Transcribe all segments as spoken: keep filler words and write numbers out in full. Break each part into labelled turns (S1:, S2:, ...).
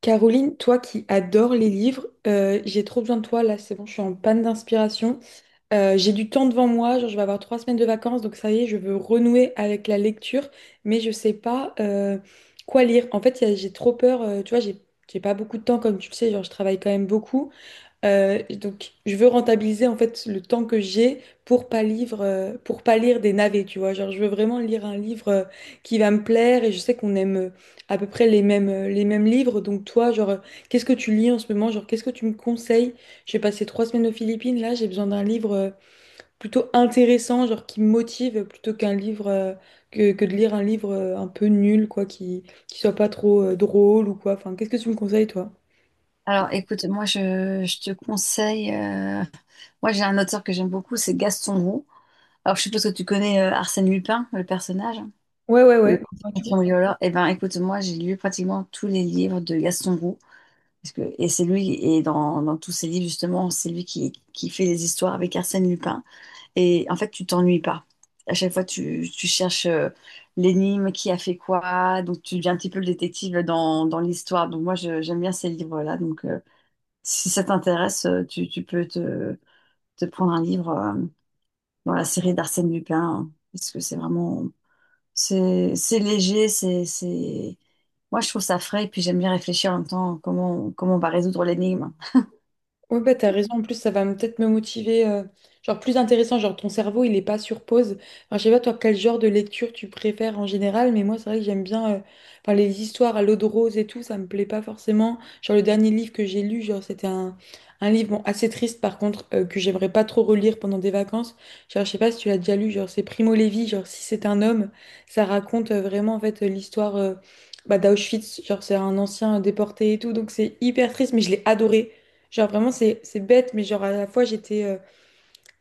S1: Caroline, toi qui adores les livres, euh, j'ai trop besoin de toi là, c'est bon, je suis en panne d'inspiration. Euh, j'ai du temps devant moi, genre je vais avoir trois semaines de vacances, donc ça y est, je veux renouer avec la lecture, mais je sais pas euh, quoi lire. En fait, y a- j'ai trop peur, euh, tu vois, j'ai j'ai pas beaucoup de temps comme tu le sais, genre je travaille quand même beaucoup, euh, donc, je veux rentabiliser en fait le temps que j'ai pour pas lire, euh, pour pas lire des navets, tu vois. Genre, je veux vraiment lire un livre euh, qui va me plaire et je sais qu'on aime euh, à peu près les mêmes, euh, les mêmes livres. Donc, toi, genre, euh, qu'est-ce que tu lis en ce moment? Genre, qu'est-ce que tu me conseilles? Je vais passer trois semaines aux Philippines. Là, j'ai besoin d'un livre euh, plutôt intéressant, genre qui me motive plutôt qu'un livre euh, que, que de lire un livre euh, un peu nul, quoi, qui, qui soit pas trop euh, drôle ou quoi. Enfin, qu'est-ce que tu me conseilles, toi?
S2: Alors, écoute, moi, je, je te conseille. euh, Moi, j'ai un auteur que j'aime beaucoup, c'est Gaston Roux. Alors, je suppose que tu connais euh, Arsène Lupin, le personnage, hein,
S1: Ouais, ouais,
S2: le
S1: ouais.
S2: patron violeur. Eh ben, écoute, moi, j'ai lu pratiquement tous les livres de Gaston Roux. Parce que, et c'est lui, et dans, dans tous ses livres, justement, c'est lui qui, qui fait les histoires avec Arsène Lupin. Et en fait, tu t'ennuies pas. À chaque fois, tu, tu cherches euh, l'énigme, qui a fait quoi. Donc, tu deviens un petit peu le détective dans, dans l'histoire. Donc, moi, je- j'aime bien ces livres-là. Donc, euh, si ça t'intéresse, euh, tu, tu peux te, te prendre un livre euh, dans la série d'Arsène Lupin, hein, parce que c'est vraiment, c'est c'est léger, c'est, c'est, moi je trouve ça frais, et puis j'aime bien réfléchir en même temps comment, comment on va résoudre l'énigme.
S1: Ouais, bah, t'as raison. En plus, ça va me- peut-être me motiver. euh, genre, plus intéressant. Genre, ton cerveau, il est pas sur pause. Enfin, je sais pas, toi, quel genre de lecture tu préfères en général, mais moi, c'est vrai que j'aime bien euh, enfin, les histoires à l'eau de rose et tout. Ça me plaît pas forcément. Genre, le dernier livre que j'ai lu, genre, c'était un, un livre bon, assez triste, par contre, euh, que j'aimerais pas trop relire pendant des vacances. Genre, je sais pas si tu l'as déjà lu. Genre, c'est Primo Levi. Genre, si c'est un homme, ça raconte euh, vraiment, en fait, euh, l'histoire. euh, bah, d'Auschwitz, genre c'est un ancien déporté et tout, donc c'est hyper triste, mais je l'ai adoré. Genre vraiment c'est c'est bête, mais genre à la fois j'étais euh,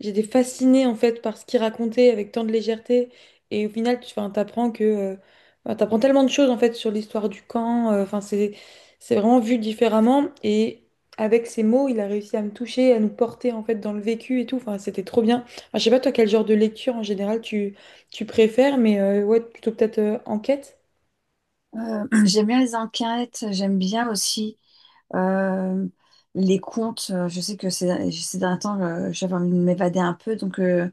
S1: j'étais fascinée en fait par ce qu'il racontait avec tant de légèreté. Et au final, tu enfin, t'apprends que euh, enfin, t'apprends tellement de choses en fait sur l'histoire du camp. euh, Enfin c'est c'est vraiment vu différemment. Et avec ses mots, il a réussi à me toucher, à nous porter en fait dans le vécu et tout. Enfin c'était trop bien. Enfin, je sais pas toi quel genre de lecture en général tu tu préfères, mais euh, ouais plutôt peut-être euh, enquête.
S2: Euh, j'aime bien les enquêtes, j'aime bien aussi euh, les contes. Euh, Je sais que ces, ces derniers temps, euh, j'avais envie de m'évader un peu, donc euh,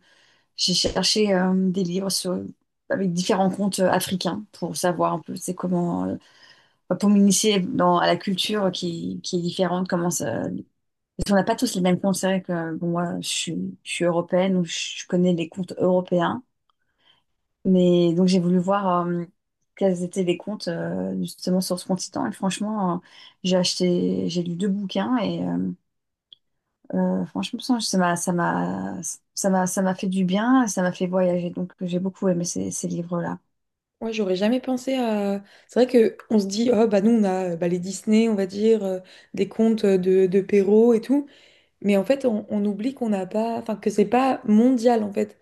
S2: j'ai cherché euh, des livres sur- avec différents contes euh, africains pour savoir un peu c'est comment, euh, pour m'initier dans- à la culture qui, qui est différente. Comment ça, parce qu'on n'a pas tous les mêmes contes. C'est vrai que bon, moi, je suis, je suis européenne, donc je connais les contes européens. Mais donc j'ai voulu voir euh, quels étaient les comptes euh, justement sur ce continent. Et franchement, euh, j'ai acheté, j'ai lu deux bouquins et euh, euh, franchement, ça ça m'a, ça m'a, ça m'a, ça m'a fait du bien, ça m'a fait voyager. Donc j'ai beaucoup aimé ces, ces livres-là.
S1: Ouais, j'aurais jamais pensé à. C'est vrai que on se dit, oh bah nous on a euh, bah, les Disney, on va dire, euh, des contes euh, de, de Perrault et tout, mais en fait on, on oublie qu'on n'a pas, enfin que c'est pas mondial en fait.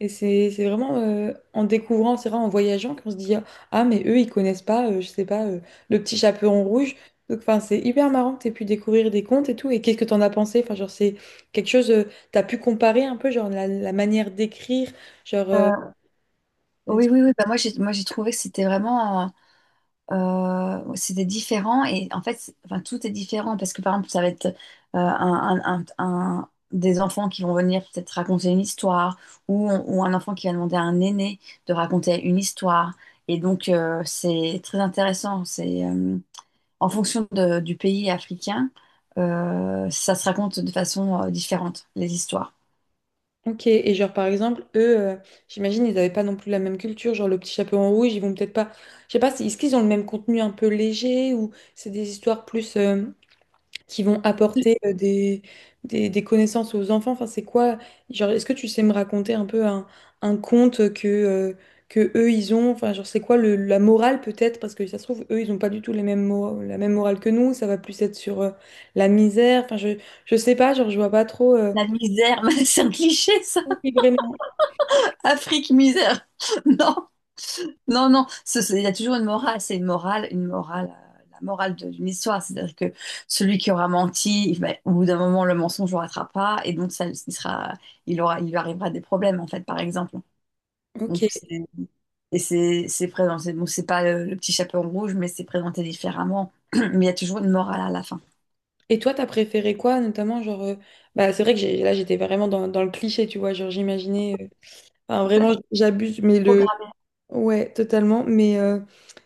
S1: Et c'est c'est vraiment euh, en découvrant, c'est vrai en voyageant qu'on se dit, ah mais eux ils connaissent pas, euh, je sais pas, euh, le petit chaperon rouge. Donc enfin c'est hyper marrant que t'aies pu découvrir des contes et tout. Et qu'est-ce que t'en as pensé? Enfin genre c'est quelque chose, euh, t'as pu comparer un peu genre la, la manière d'écrire, genre. euh,
S2: Euh, oui, oui, oui. Bah, moi, j'ai, moi, j'ai trouvé que c'était vraiment euh, euh, c'était différent et en fait, c'est- enfin, tout est différent parce que par exemple, ça va être euh, un, un- un- un- des enfants qui vont venir peut-être raconter une histoire ou, ou un enfant qui va demander à un aîné de raconter une histoire. Et donc, euh, c'est très intéressant. C'est euh, en fonction de- du pays africain, euh, ça se raconte de façon euh, différente, les histoires.
S1: Ok, et genre par exemple, eux, euh, j'imagine, ils n'avaient pas non plus la même culture, genre le petit chaperon rouge, ils vont peut-être pas, je sais pas, c'est- est-ce qu'ils ont le même contenu un peu léger ou c'est des histoires plus euh, qui vont apporter euh, des, des, des connaissances aux enfants, enfin c'est quoi, genre est-ce que tu sais me raconter un peu un, un conte que, euh, que eux ils ont, enfin genre c'est quoi le, la morale peut-être, parce que ça se trouve, eux ils ont pas du tout les mêmes mora- la même morale que nous, ça va plus être sur euh, la misère, enfin je, je sais pas, genre je vois pas trop, euh,
S2: La misère, c'est un cliché, ça.
S1: Oui, vraiment,
S2: Afrique, misère. Non. Non, non, ce- ce- il y a toujours une morale, c'est une morale, une morale, euh, la morale de- d'une histoire, c'est-à-dire que celui qui aura menti, ben, au bout d'un moment, le mensonge ne rattrape pas, et donc ça, il sera, il aura, il lui arrivera des problèmes, en fait, par exemple. Donc,
S1: ok.
S2: c'est- et c'est c'est présenté, bon, c'est pas euh, le, petit chaperon rouge, mais c'est présenté différemment, mais il y a toujours une morale à la fin.
S1: Et toi, t'as préféré quoi, notamment, genre, euh, bah, c'est vrai que j'ai- là, j'étais vraiment dans, dans le cliché, tu vois, genre, j'imaginais, euh, enfin,
S2: Ben,
S1: vraiment, j'abuse, mais le,
S2: programmer.
S1: ouais, totalement, mais, euh,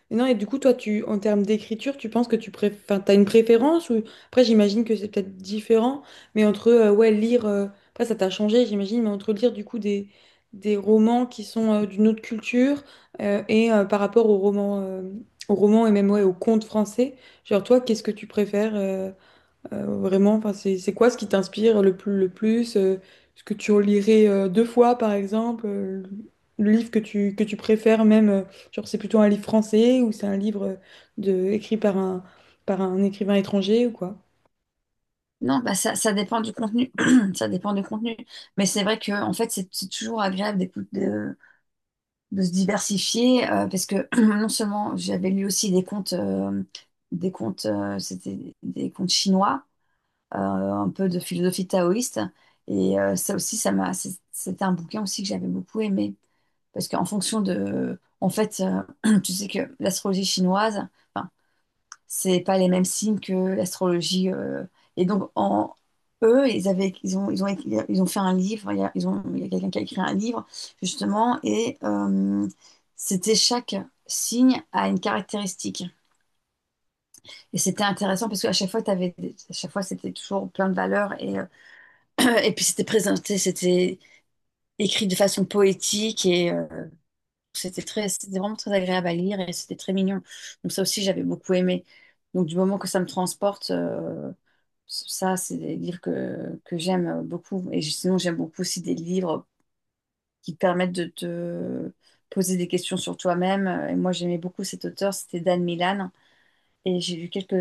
S1: mais non, et du coup, toi, tu, en termes d'écriture, tu penses que tu préfères, enfin, t'as une préférence, ou, après, j'imagine que c'est peut-être différent, mais entre, euh, ouais, lire, euh, après, ça t'a changé, j'imagine, mais entre lire, du coup, des, des romans qui sont euh, d'une autre culture, euh, et euh, par rapport aux romans, euh, aux romans, et même, ouais, aux contes français, genre, toi, qu'est-ce que tu préfères? euh, euh, vraiment, enfin, c'est c'est quoi ce qui t'inspire le plus, le plus? euh, ce que tu relirais euh, deux fois, par exemple? euh, le livre que tu, que tu préfères même, euh, genre c'est plutôt un livre français ou c'est un livre euh, de, écrit par un, par un écrivain étranger ou quoi?
S2: Non, bah ça, ça dépend du contenu, ça dépend du contenu, mais c'est vrai que, en fait, c'est c'est toujours agréable d'écouter, de se diversifier euh, parce que non seulement j'avais lu aussi des comptes, euh, des comptes, euh, c'était des comptes chinois, euh, un peu de philosophie taoïste. Et euh, ça aussi, ça m'a, c'est- c'était un bouquin aussi que j'avais beaucoup aimé parce qu'en fonction de, en fait, euh, tu sais que l'astrologie chinoise, enfin, c'est pas les mêmes signes que l'astrologie. Euh. Et donc, en, eux, ils avaient, ils ont, ils ont, écrit- ils ont fait un livre, il y a, ils ont, il y a quelqu'un qui a écrit un livre, justement, et euh, c'était chaque signe a une caractéristique. Et c'était intéressant parce qu'à chaque fois, t'avais, des- à chaque fois, c'était toujours plein de valeurs et, euh, et puis c'était présenté, c'était écrit de façon poétique et euh, c'était très, c'était vraiment très agréable à lire et c'était très mignon. Donc ça aussi, j'avais beaucoup aimé. Donc du moment que ça me transporte, euh, ça, c'est des livres que, que j'aime beaucoup. Et sinon, j'aime beaucoup aussi des livres qui permettent de te poser des questions sur toi-même. Et moi, j'aimais beaucoup cet auteur, c'était Dan Milan. Et j'ai lu quelques,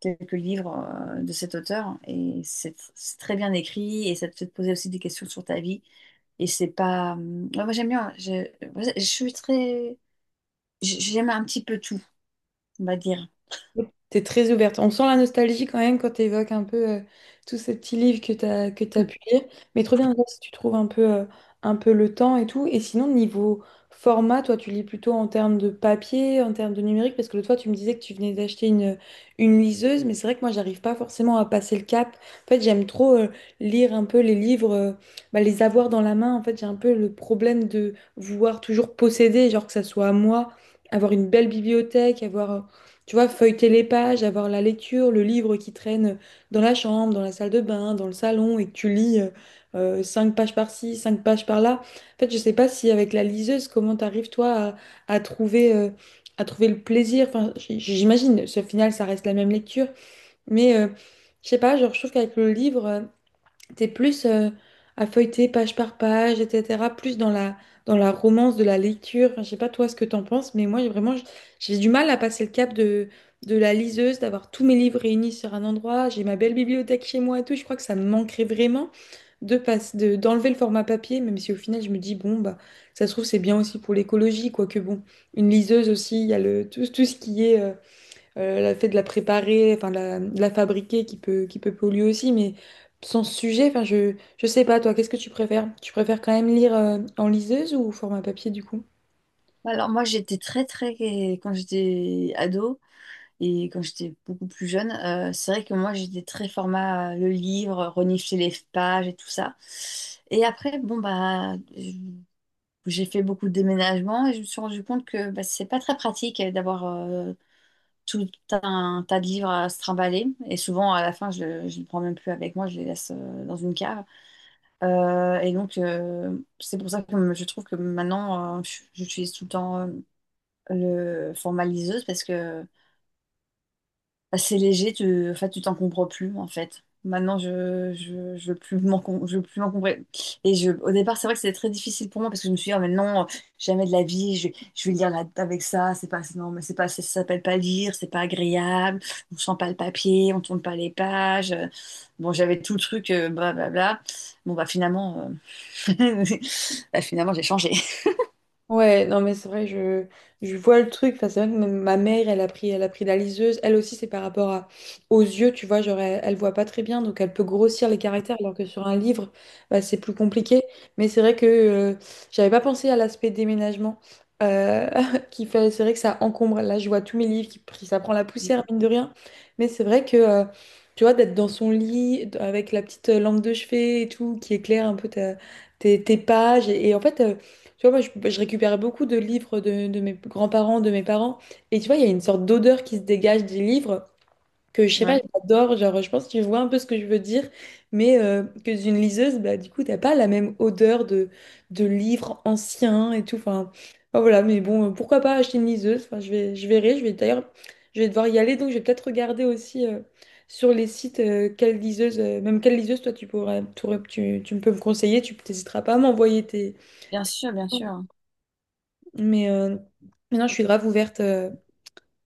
S2: quelques livres euh, de cet auteur. Et c'est c'est très bien écrit et ça te fait te poser aussi des questions sur ta vie. Et c'est pas. Hum, ouais, moi, j'aime bien. Je, je suis très. J- J'aime un petit peu tout, on va dire.
S1: T'es très ouverte. On sent la nostalgie quand même quand tu évoques un peu euh, tous ces petits livres que t'as que t'as
S2: Hum.
S1: pu lire. Mais trop bien déjà, si tu trouves un peu, euh, un peu le temps et tout. Et sinon, niveau format, toi, tu lis plutôt en termes de papier, en termes de numérique, parce que l'autre fois, tu me disais que tu venais d'acheter une, une liseuse, mais c'est vrai que moi, j'arrive pas forcément à passer le cap. En fait, j'aime trop euh, lire un peu les livres, euh, bah, les avoir dans la main. En fait, j'ai un peu le problème de vouloir toujours posséder, genre que ça soit à moi, avoir une belle bibliothèque, avoir... euh, tu vois, feuilleter les pages, avoir la lecture, le livre qui traîne dans la chambre, dans la salle de bain, dans le salon, et que tu lis euh, euh, cinq pages par-ci, cinq pages par-là. En fait, je sais pas si avec la liseuse, comment t'arrives toi à, à trouver, euh, à trouver le plaisir. Enfin, j- j'imagine, ce final, ça reste la même lecture, mais euh, je sais pas, genre, je trouve qu'avec le livre. T'es plus euh, à feuilleter page par page, et cetera. Plus dans la, dans la romance de la lecture. Enfin, je sais pas toi ce que t'en penses, mais moi j'ai vraiment j- j'ai du mal à passer le cap de, de la liseuse, d'avoir tous mes livres réunis sur un endroit. J'ai ma belle bibliothèque chez moi et tout. Je crois que ça me manquerait vraiment de passer, de, d'enlever le format papier, même si au final je me dis bon bah ça se trouve c'est bien aussi pour l'écologie, quoique bon une liseuse aussi il y a le tout, tout ce qui est euh, euh, le fait de la préparer, enfin de la, de la fabriquer qui peut, qui peut polluer aussi, mais sans ce sujet, enfin je, je sais pas, toi, qu'est-ce que tu préfères? Tu préfères quand même lire euh, en liseuse ou au format papier du coup?
S2: Alors, moi, j'étais très, très. Quand j'étais ado, et quand j'étais beaucoup plus jeune, euh, c'est vrai que moi j'étais très format euh, le livre, renifler les pages et tout ça. Et après, bon bah je- j'ai fait beaucoup de déménagements et je me suis rendu compte que bah, c'est pas très pratique euh, d'avoir euh, tout un tas de livres à se trimballer. Et souvent à la fin, je ne les prends même plus avec moi, je les laisse euh, dans une cave. Euh, et donc euh, c'est pour ça que je trouve que maintenant euh, je- j'utilise tout le temps euh, le format liseuse parce que bah, c'est léger, tu, en fait, tu t'en comprends plus, en fait. Maintenant, je, je, je veux plus m'en, com- je veux plus m'encombrer. Et je, au départ, c'est vrai que c'était très difficile pour moi parce que je me suis dit, oh, mais non, jamais de la vie, je, je vais lire là- avec ça, c'est pas, non, mais c'est pas, ça s'appelle pas lire, c'est pas agréable, on sent pas le papier, on tourne pas les pages. Bon, j'avais tout le truc, euh, blablabla. Bon, bah, finalement, euh, bah, finalement, j'ai changé.
S1: Ouais, non mais c'est vrai, je, je vois le truc. Enfin, c'est vrai que même ma mère, elle a pris, elle a pris la liseuse. Elle aussi, c'est par rapport à, aux yeux, tu vois, genre elle, elle voit pas très bien, donc elle peut grossir les caractères, alors que sur un livre, bah, c'est plus compliqué. Mais c'est vrai que euh, j'avais pas pensé à l'aspect déménagement, euh, qui fait, c'est vrai que ça encombre. Là, je vois tous mes livres qui pris- ça prend la poussière mine de rien. Mais c'est vrai que euh, tu vois, d'être dans son lit d- avec la petite euh, lampe de chevet et tout, qui éclaire un peu ta- tes, tes pages, et, et en fait. euh, tu vois, moi, je, je récupère beaucoup de livres de, de mes grands-parents, de mes parents. Et tu vois, il y a une sorte d'odeur qui se dégage des livres que, je sais pas,
S2: Ouais,
S1: j'adore. Genre, je pense que tu vois un peu ce que je veux dire. Mais euh, que d'une liseuse, bah, du coup, t'as pas la même odeur de, de livres anciens et tout. Enfin, enfin, voilà. Mais bon, euh, pourquoi pas acheter une liseuse? Enfin, je vais, je verrai. Je vais d'ailleurs, je vais devoir y aller. Donc, je vais peut-être regarder aussi euh, sur les sites euh, quelle liseuse, euh, même quelle liseuse, toi, tu pourrais, tu, tu peux me conseiller. Tu n'hésiteras pas à m'envoyer tes...
S2: bien sûr, bien
S1: tes-
S2: sûr.
S1: mais euh, maintenant, je suis grave ouverte, euh,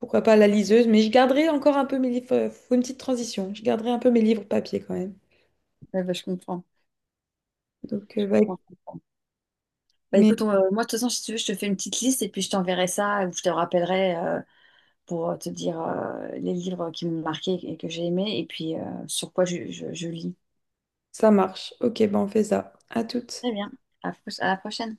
S1: pourquoi pas à la liseuse, mais je garderai encore un peu mes livres. euh, faut une petite transition. Je garderai un peu mes livres papier quand même.
S2: Ouais, bah, je comprends.
S1: Donc, euh,
S2: Je
S1: ouais,
S2: comprends. Bah
S1: mais
S2: écoute, on- euh, moi de toute façon, si tu veux, je te fais une petite liste et puis je t'enverrai ça ou je te rappellerai euh, pour euh, te dire euh, les livres qui m'ont marqué et que j'ai aimé et puis euh, sur quoi je, je- je lis.
S1: ça marche. Ok, ben on fait ça. À toutes.
S2: Très bien. À, à la prochaine.